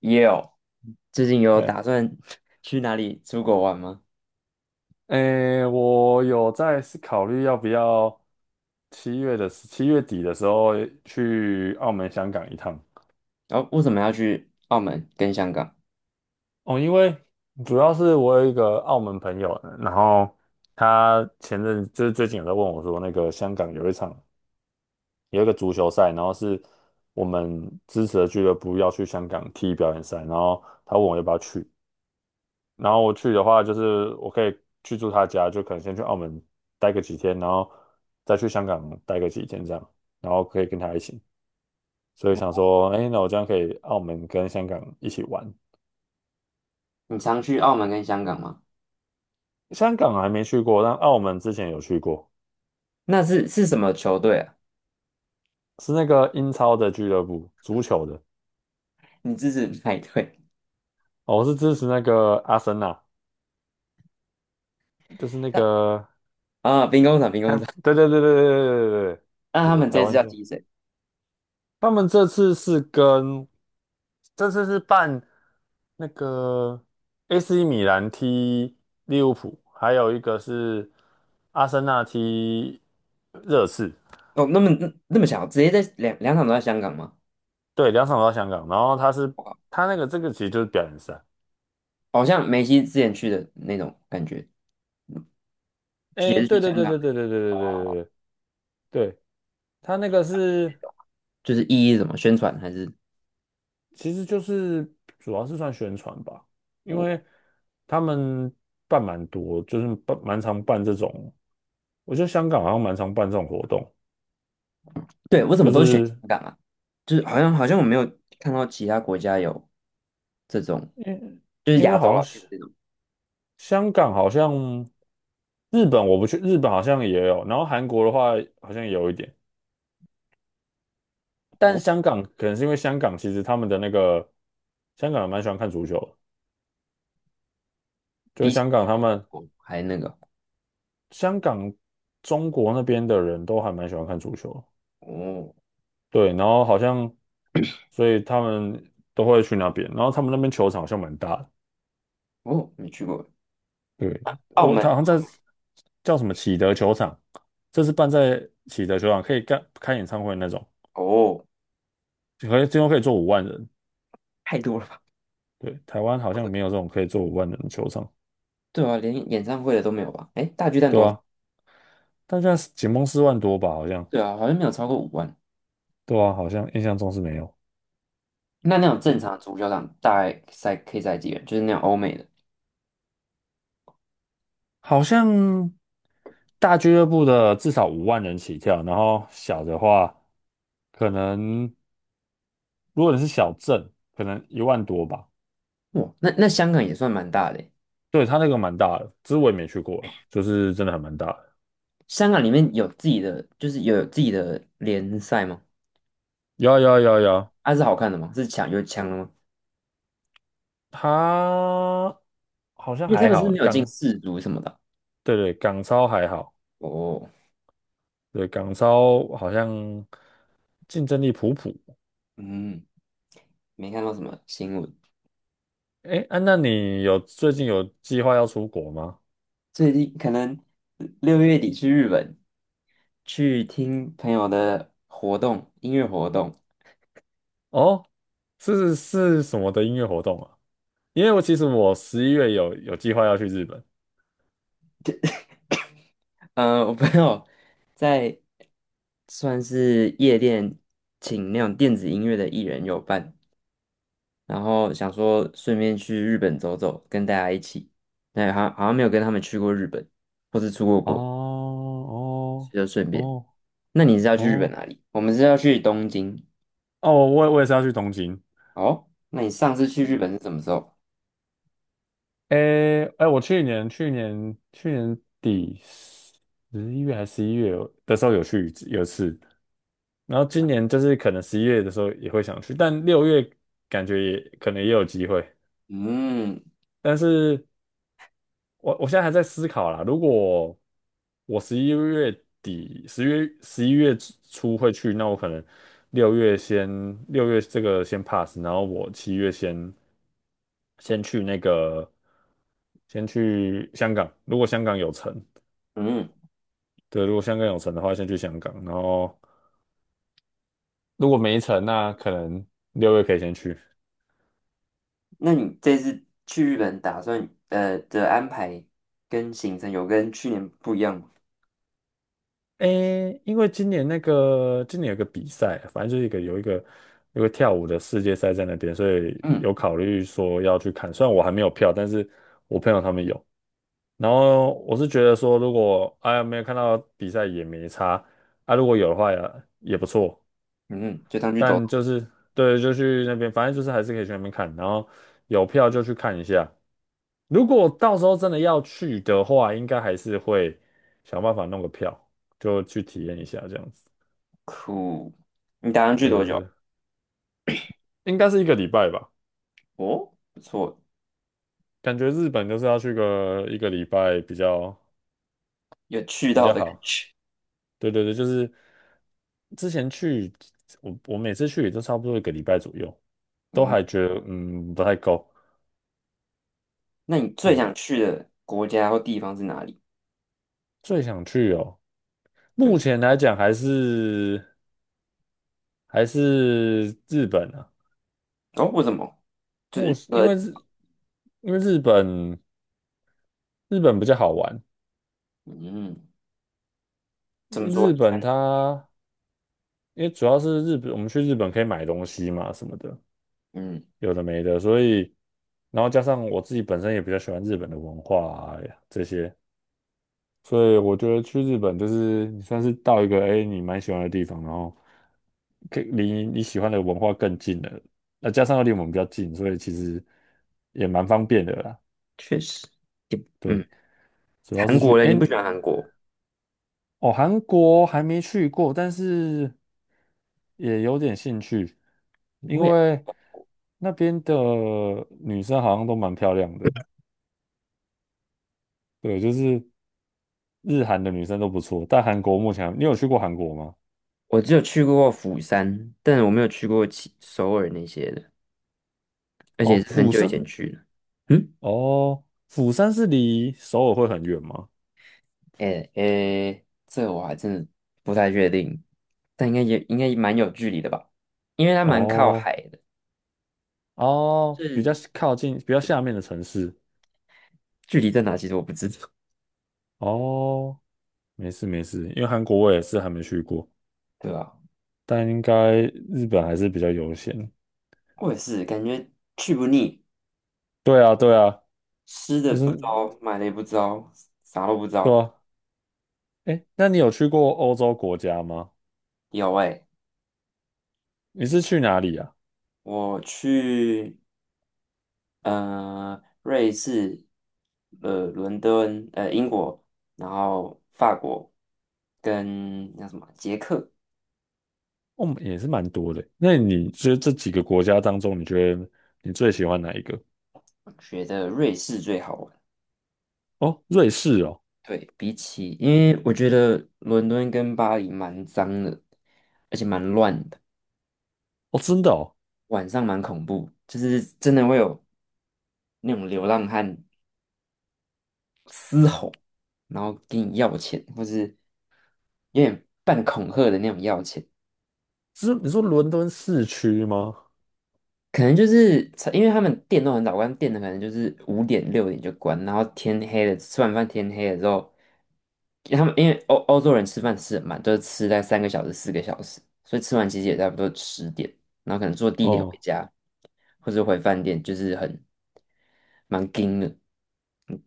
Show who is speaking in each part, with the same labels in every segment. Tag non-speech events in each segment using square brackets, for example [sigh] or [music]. Speaker 1: 也有，最近有
Speaker 2: 哎
Speaker 1: 打算 [laughs] 去哪里出国玩吗？
Speaker 2: 哎，我有在考虑要不要7月底的时候去澳门、香港一趟
Speaker 1: 然后为什么要去澳门跟香港？
Speaker 2: 哦，因为主要是我有一个澳门朋友，然后他前阵就是最近有在问我说，那个香港有一个足球赛，然后是我们支持的俱乐部要去香港踢表演赛，然后他问我要不要去，然后我去的话，就是我可以去住他家，就可能先去澳门待个几天，然后再去香港待个几天这样，然后可以跟他一起。所以想说，哎，那我这样可以澳门跟香港一起玩。
Speaker 1: 你常去澳门跟香港吗？
Speaker 2: 香港还没去过，但澳门之前有去过，
Speaker 1: 那是什么球队啊？
Speaker 2: 是那个英超的俱乐部，足球的。
Speaker 1: 你支持哪一队？
Speaker 2: 哦，我是支持那个阿森纳，就是那
Speaker 1: [laughs]
Speaker 2: 个，
Speaker 1: 啊，兵工厂，兵工厂。
Speaker 2: 看，对对对对对对对
Speaker 1: 那
Speaker 2: 对，
Speaker 1: 他
Speaker 2: 对
Speaker 1: 们
Speaker 2: 台
Speaker 1: 这次
Speaker 2: 湾
Speaker 1: 要
Speaker 2: 队。
Speaker 1: 踢谁？
Speaker 2: 他们这次是办那个 AC 米兰踢利物浦，还有一个是阿森纳踢热刺，
Speaker 1: 哦，那么巧，直接在两场都在香港吗？
Speaker 2: 对，两场都在香港。然后
Speaker 1: 我靠，
Speaker 2: 他其实就是表演赛，
Speaker 1: 好像梅西之前去的那种感觉，也
Speaker 2: 哎，
Speaker 1: 是去
Speaker 2: 对对
Speaker 1: 香
Speaker 2: 对
Speaker 1: 港的
Speaker 2: 对对对对对对对对，他那个
Speaker 1: 那
Speaker 2: 是。
Speaker 1: 种，就是意义是什么，宣传还是
Speaker 2: 其实就是主要是算宣传吧，因
Speaker 1: 我？
Speaker 2: 为他们办蛮多，就是办蛮常办这种，我觉得香港好像蛮常办这种活动，
Speaker 1: 对，为什么
Speaker 2: 就
Speaker 1: 都是选香
Speaker 2: 是
Speaker 1: 港啊？就是好像我没有看到其他国家有。这种
Speaker 2: 因
Speaker 1: 就是
Speaker 2: 因为
Speaker 1: 亚洲
Speaker 2: 好像
Speaker 1: 了，没有
Speaker 2: 是
Speaker 1: 这种。
Speaker 2: 香港好像日本我不去，日本好像也有，然后韩国的话好像也有一点，但
Speaker 1: 哦，
Speaker 2: 香港可能是因为香港其实他们的那个香港人蛮喜欢看足球的就是
Speaker 1: 比起。哦，还那个。
Speaker 2: 香港中国那边的人都还蛮喜欢看足球的
Speaker 1: 哦
Speaker 2: 对，然后好像，所以他们都会去那边，然后他们那边球场好像蛮大的。
Speaker 1: 哦，没去过
Speaker 2: 对，
Speaker 1: 澳
Speaker 2: 他
Speaker 1: 门。
Speaker 2: 好像在叫什么启德球场，这是办在启德球场，可以开演唱会那种，
Speaker 1: 哦，
Speaker 2: 最多可以坐五万人。
Speaker 1: 太多了吧？
Speaker 2: 对，台湾好
Speaker 1: 好
Speaker 2: 像
Speaker 1: 的。
Speaker 2: 没有这种可以坐五万人的球场，
Speaker 1: 对啊，连演唱会的都没有吧？哎，大巨蛋
Speaker 2: 对
Speaker 1: 多少？
Speaker 2: 啊，但现在是紧绷4万多吧，好像，
Speaker 1: 对啊，好像没有超过5万。
Speaker 2: 对啊，好像印象中是没有。
Speaker 1: 那那种正
Speaker 2: 对，
Speaker 1: 常的足球场大概可以塞几个人？就是那种欧美的。
Speaker 2: 好像大俱乐部的至少五万人起跳，然后小的话可能。如果你是小镇，可能1万多吧。
Speaker 1: 哇，那香港也算蛮大的欸。
Speaker 2: 对，它那个蛮大的，只是我也没去过啊，就是真的还蛮大的。
Speaker 1: 香港里面有自己的联赛吗？
Speaker 2: 有啊有啊有啊有啊，
Speaker 1: 啊，是好看的吗？是强有强的吗？
Speaker 2: 它好像
Speaker 1: 因为他
Speaker 2: 还
Speaker 1: 们是不
Speaker 2: 好
Speaker 1: 是
Speaker 2: 欸，
Speaker 1: 没有进世足什么的啊。
Speaker 2: 对对港超还好，
Speaker 1: 哦，
Speaker 2: 对港超好像竞争力普普。
Speaker 1: 嗯，没看到什么新闻。
Speaker 2: 哎，啊，那你最近有计划要出国吗？
Speaker 1: 最近可能6月底去日本，去听朋友的活动，音乐活动。
Speaker 2: 哦，是什么的音乐活动啊？因为我其实十一月有计划要去日本。
Speaker 1: 我朋友在算是夜店请那种电子音乐的艺人有伴，然后想说顺便去日本走走，跟大家一起。对，好像没有跟他们去过日本，或是出过国，
Speaker 2: 哦哦
Speaker 1: 就顺便。
Speaker 2: 哦
Speaker 1: 那你是要去日本
Speaker 2: 哦。
Speaker 1: 哪里？我们是要去东京。
Speaker 2: 哦，我也是要去东京。
Speaker 1: 哦，那你上次去日本是什么时候？
Speaker 2: 诶诶，我去年底十一月的时候有一次，然后今年就是可能十一月的时候也会想去，但六月感觉也可能也有机会，
Speaker 1: 嗯
Speaker 2: 但是我现在还在思考啦，如果我11月底、10月11月初会去，那我可能六月先六月这个先 pass，然后我七月先去那个先去香港，如果香港有城，
Speaker 1: 嗯，
Speaker 2: 对，如果香港有城的话，先去香港，然后如果没城，那可能六月可以先去。
Speaker 1: 那你这次去日本的安排跟行程有跟去年不一样吗？
Speaker 2: 诶，因为今年有个比赛，反正就是一个有一个有个跳舞的世界赛在那边，所以
Speaker 1: 嗯
Speaker 2: 有考虑说要去看。虽然我还没有票，但是我朋友他们有。然后我是觉得说，如果哎呀没有看到比赛也没差，啊如果有的话也不错。
Speaker 1: 嗯，就当去走
Speaker 2: 但
Speaker 1: 走。
Speaker 2: 就是对，就去那边，反正就是还是可以去那边看，然后有票就去看一下。如果到时候真的要去的话，应该还是会想办法弄个票，就去体验一下这样子。
Speaker 1: 酷。你打算去
Speaker 2: 对
Speaker 1: 多
Speaker 2: 对
Speaker 1: 久？
Speaker 2: 对，应该是一个礼拜吧，
Speaker 1: 哦，不错，
Speaker 2: 感觉日本就是要去个一个礼拜比较
Speaker 1: 有去
Speaker 2: 比
Speaker 1: 到
Speaker 2: 较
Speaker 1: 的感
Speaker 2: 好。
Speaker 1: 觉。
Speaker 2: 对对对，就是之前去，我每次去也都差不多一个礼拜左右，都还觉得不太够。
Speaker 1: 那你最
Speaker 2: 对，
Speaker 1: 想去的国家或地方是哪里？
Speaker 2: 最想去哦。目
Speaker 1: 对。
Speaker 2: 前来讲还是日本啊，
Speaker 1: 哦，为什么？就
Speaker 2: 目
Speaker 1: 是
Speaker 2: 因为日因为日本比较好玩，
Speaker 1: 嗯，怎么说？
Speaker 2: 日
Speaker 1: 你看。
Speaker 2: 本它因为主要是日本，我们去日本可以买东西嘛什么的，
Speaker 1: 嗯，
Speaker 2: 有的没的，所以然后加上我自己本身也比较喜欢日本的文化啊这些，所以我觉得去日本就是你算是到一个你蛮喜欢的地方，然后可以离你喜欢的文化更近了，那加上又离我们比较近，所以其实也蛮方便的啦。
Speaker 1: 确实。也。嗯，
Speaker 2: 对，主要是
Speaker 1: 韩
Speaker 2: 去
Speaker 1: 国嘞，你不喜欢韩国？
Speaker 2: 哦，韩国还没去过，但是也有点兴趣，
Speaker 1: 不
Speaker 2: 因
Speaker 1: 会啊，
Speaker 2: 为那边的女生好像都蛮漂亮的，对，就是日韩的女生都不错，但韩国目前还你有去过韩国吗？
Speaker 1: 我只有去过釜山，但我没有去过其首尔那些的。而
Speaker 2: 哦，
Speaker 1: 且是很
Speaker 2: 釜
Speaker 1: 久以
Speaker 2: 山。
Speaker 1: 前去的。嗯，
Speaker 2: 哦，釜山是离首尔会很远吗？
Speaker 1: 诶诶，这我还真的不太确定，但应该蛮有距离的吧，因为它蛮靠
Speaker 2: 哦
Speaker 1: 海的，
Speaker 2: 哦，
Speaker 1: 是，
Speaker 2: 比较靠近，比较
Speaker 1: 对，
Speaker 2: 下面的城市。
Speaker 1: 距离在哪其实我不知道，
Speaker 2: 哦，没事没事，因为韩国我也是还没去过，
Speaker 1: 对吧？
Speaker 2: 但应该日本还是比较优先。
Speaker 1: 我也是感觉去不腻，
Speaker 2: 对啊对啊，
Speaker 1: 吃的
Speaker 2: 就是
Speaker 1: 不糟，买的也不糟，啥都不
Speaker 2: 对
Speaker 1: 糟。
Speaker 2: 啊。哎，那你有去过欧洲国家吗？
Speaker 1: 有诶，
Speaker 2: 你是去哪里啊？
Speaker 1: 我去瑞士、伦敦、英国，然后法国跟那什么捷克。
Speaker 2: 哦，也是蛮多的。那你觉得这几个国家当中，你觉得你最喜欢哪一个？
Speaker 1: 觉得瑞士最好玩。
Speaker 2: 哦，瑞士哦，
Speaker 1: 对，比起，因为我觉得伦敦跟巴黎蛮脏的，而且蛮乱的，
Speaker 2: 哦，真的哦，
Speaker 1: 晚上蛮恐怖，就是真的会有那种流浪汉嘶吼，然后跟你要钱，或是有点半恐吓的那种要钱。
Speaker 2: 是你说伦敦市区吗？
Speaker 1: 可能就是因为他们店都很早关，店的可能就是5点6点就关，然后天黑了，吃完饭天黑了之后，他们因为欧洲人吃饭吃很慢，都是吃在3个小时4个小时，所以吃完其实也差不多10点，然后可能坐地铁回
Speaker 2: 哦，
Speaker 1: 家或者回饭店，就是蛮紧的。嗯，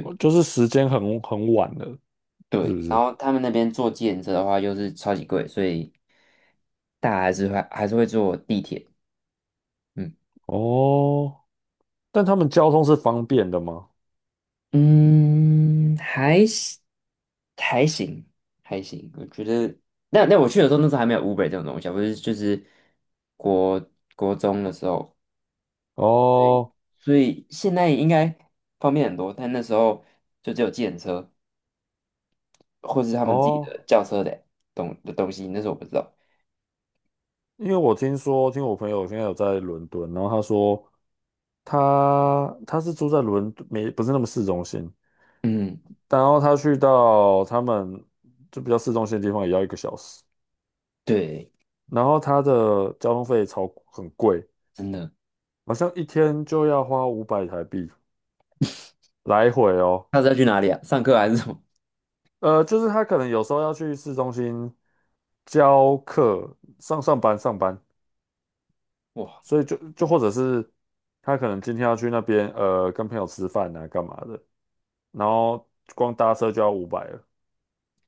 Speaker 2: 哦就是时间很晚了，是
Speaker 1: 对，
Speaker 2: 不
Speaker 1: 然
Speaker 2: 是？
Speaker 1: 后他们那边坐计程车的话又是超级贵，所以大家还是会坐地铁。嗯。
Speaker 2: 哦，但他们交通是方便的吗？
Speaker 1: 嗯，还行还行，还行，我觉得那我去的时候，那时候还没有 Uber 这种东西啊，就是国国中的时候，
Speaker 2: 哦
Speaker 1: 所以现在应该方便很多，但那时候就只有计程车或是他们自己
Speaker 2: 哦，
Speaker 1: 的轿车的东西，那时候我不知道。
Speaker 2: 因为我听说，听我朋友现在有在伦敦，然后他说他是住在伦敦，没不是那么市中心，
Speaker 1: 嗯，
Speaker 2: 然后他去到他们就比较市中心的地方也要1个小时，
Speaker 1: 对，
Speaker 2: 然后他的交通费很贵，
Speaker 1: 真的。
Speaker 2: 好像一天就要花五百台币来回哦。
Speaker 1: 下次要去哪里啊？上课还是什么？
Speaker 2: 就是他可能有时候要去市中心教课、上班，
Speaker 1: [laughs] 哇，
Speaker 2: 所以就或者是他可能今天要去那边跟朋友吃饭啊，干嘛的，然后光搭车就要五百了，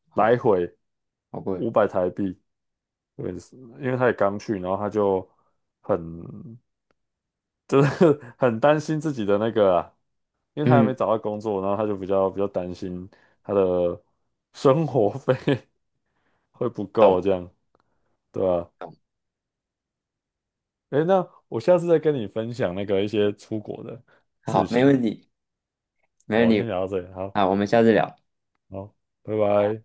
Speaker 1: 好
Speaker 2: 来
Speaker 1: 贵，
Speaker 2: 回
Speaker 1: 好贵。
Speaker 2: 五百台币，对，因为他也刚去，然后他就很就是 [laughs] 很担心自己的那个啊因为他还没
Speaker 1: 嗯，
Speaker 2: 找到工作，然后他就比较担心他的生活费会不够这
Speaker 1: 懂
Speaker 2: 样，对吧？
Speaker 1: 懂，
Speaker 2: 诶，那我下次再跟你分享一些出国的事
Speaker 1: 好，没
Speaker 2: 情。
Speaker 1: 问题，没
Speaker 2: 好，
Speaker 1: 问
Speaker 2: 我
Speaker 1: 题。
Speaker 2: 先讲到这里，好，
Speaker 1: 好，我们下次聊。
Speaker 2: 好，拜拜。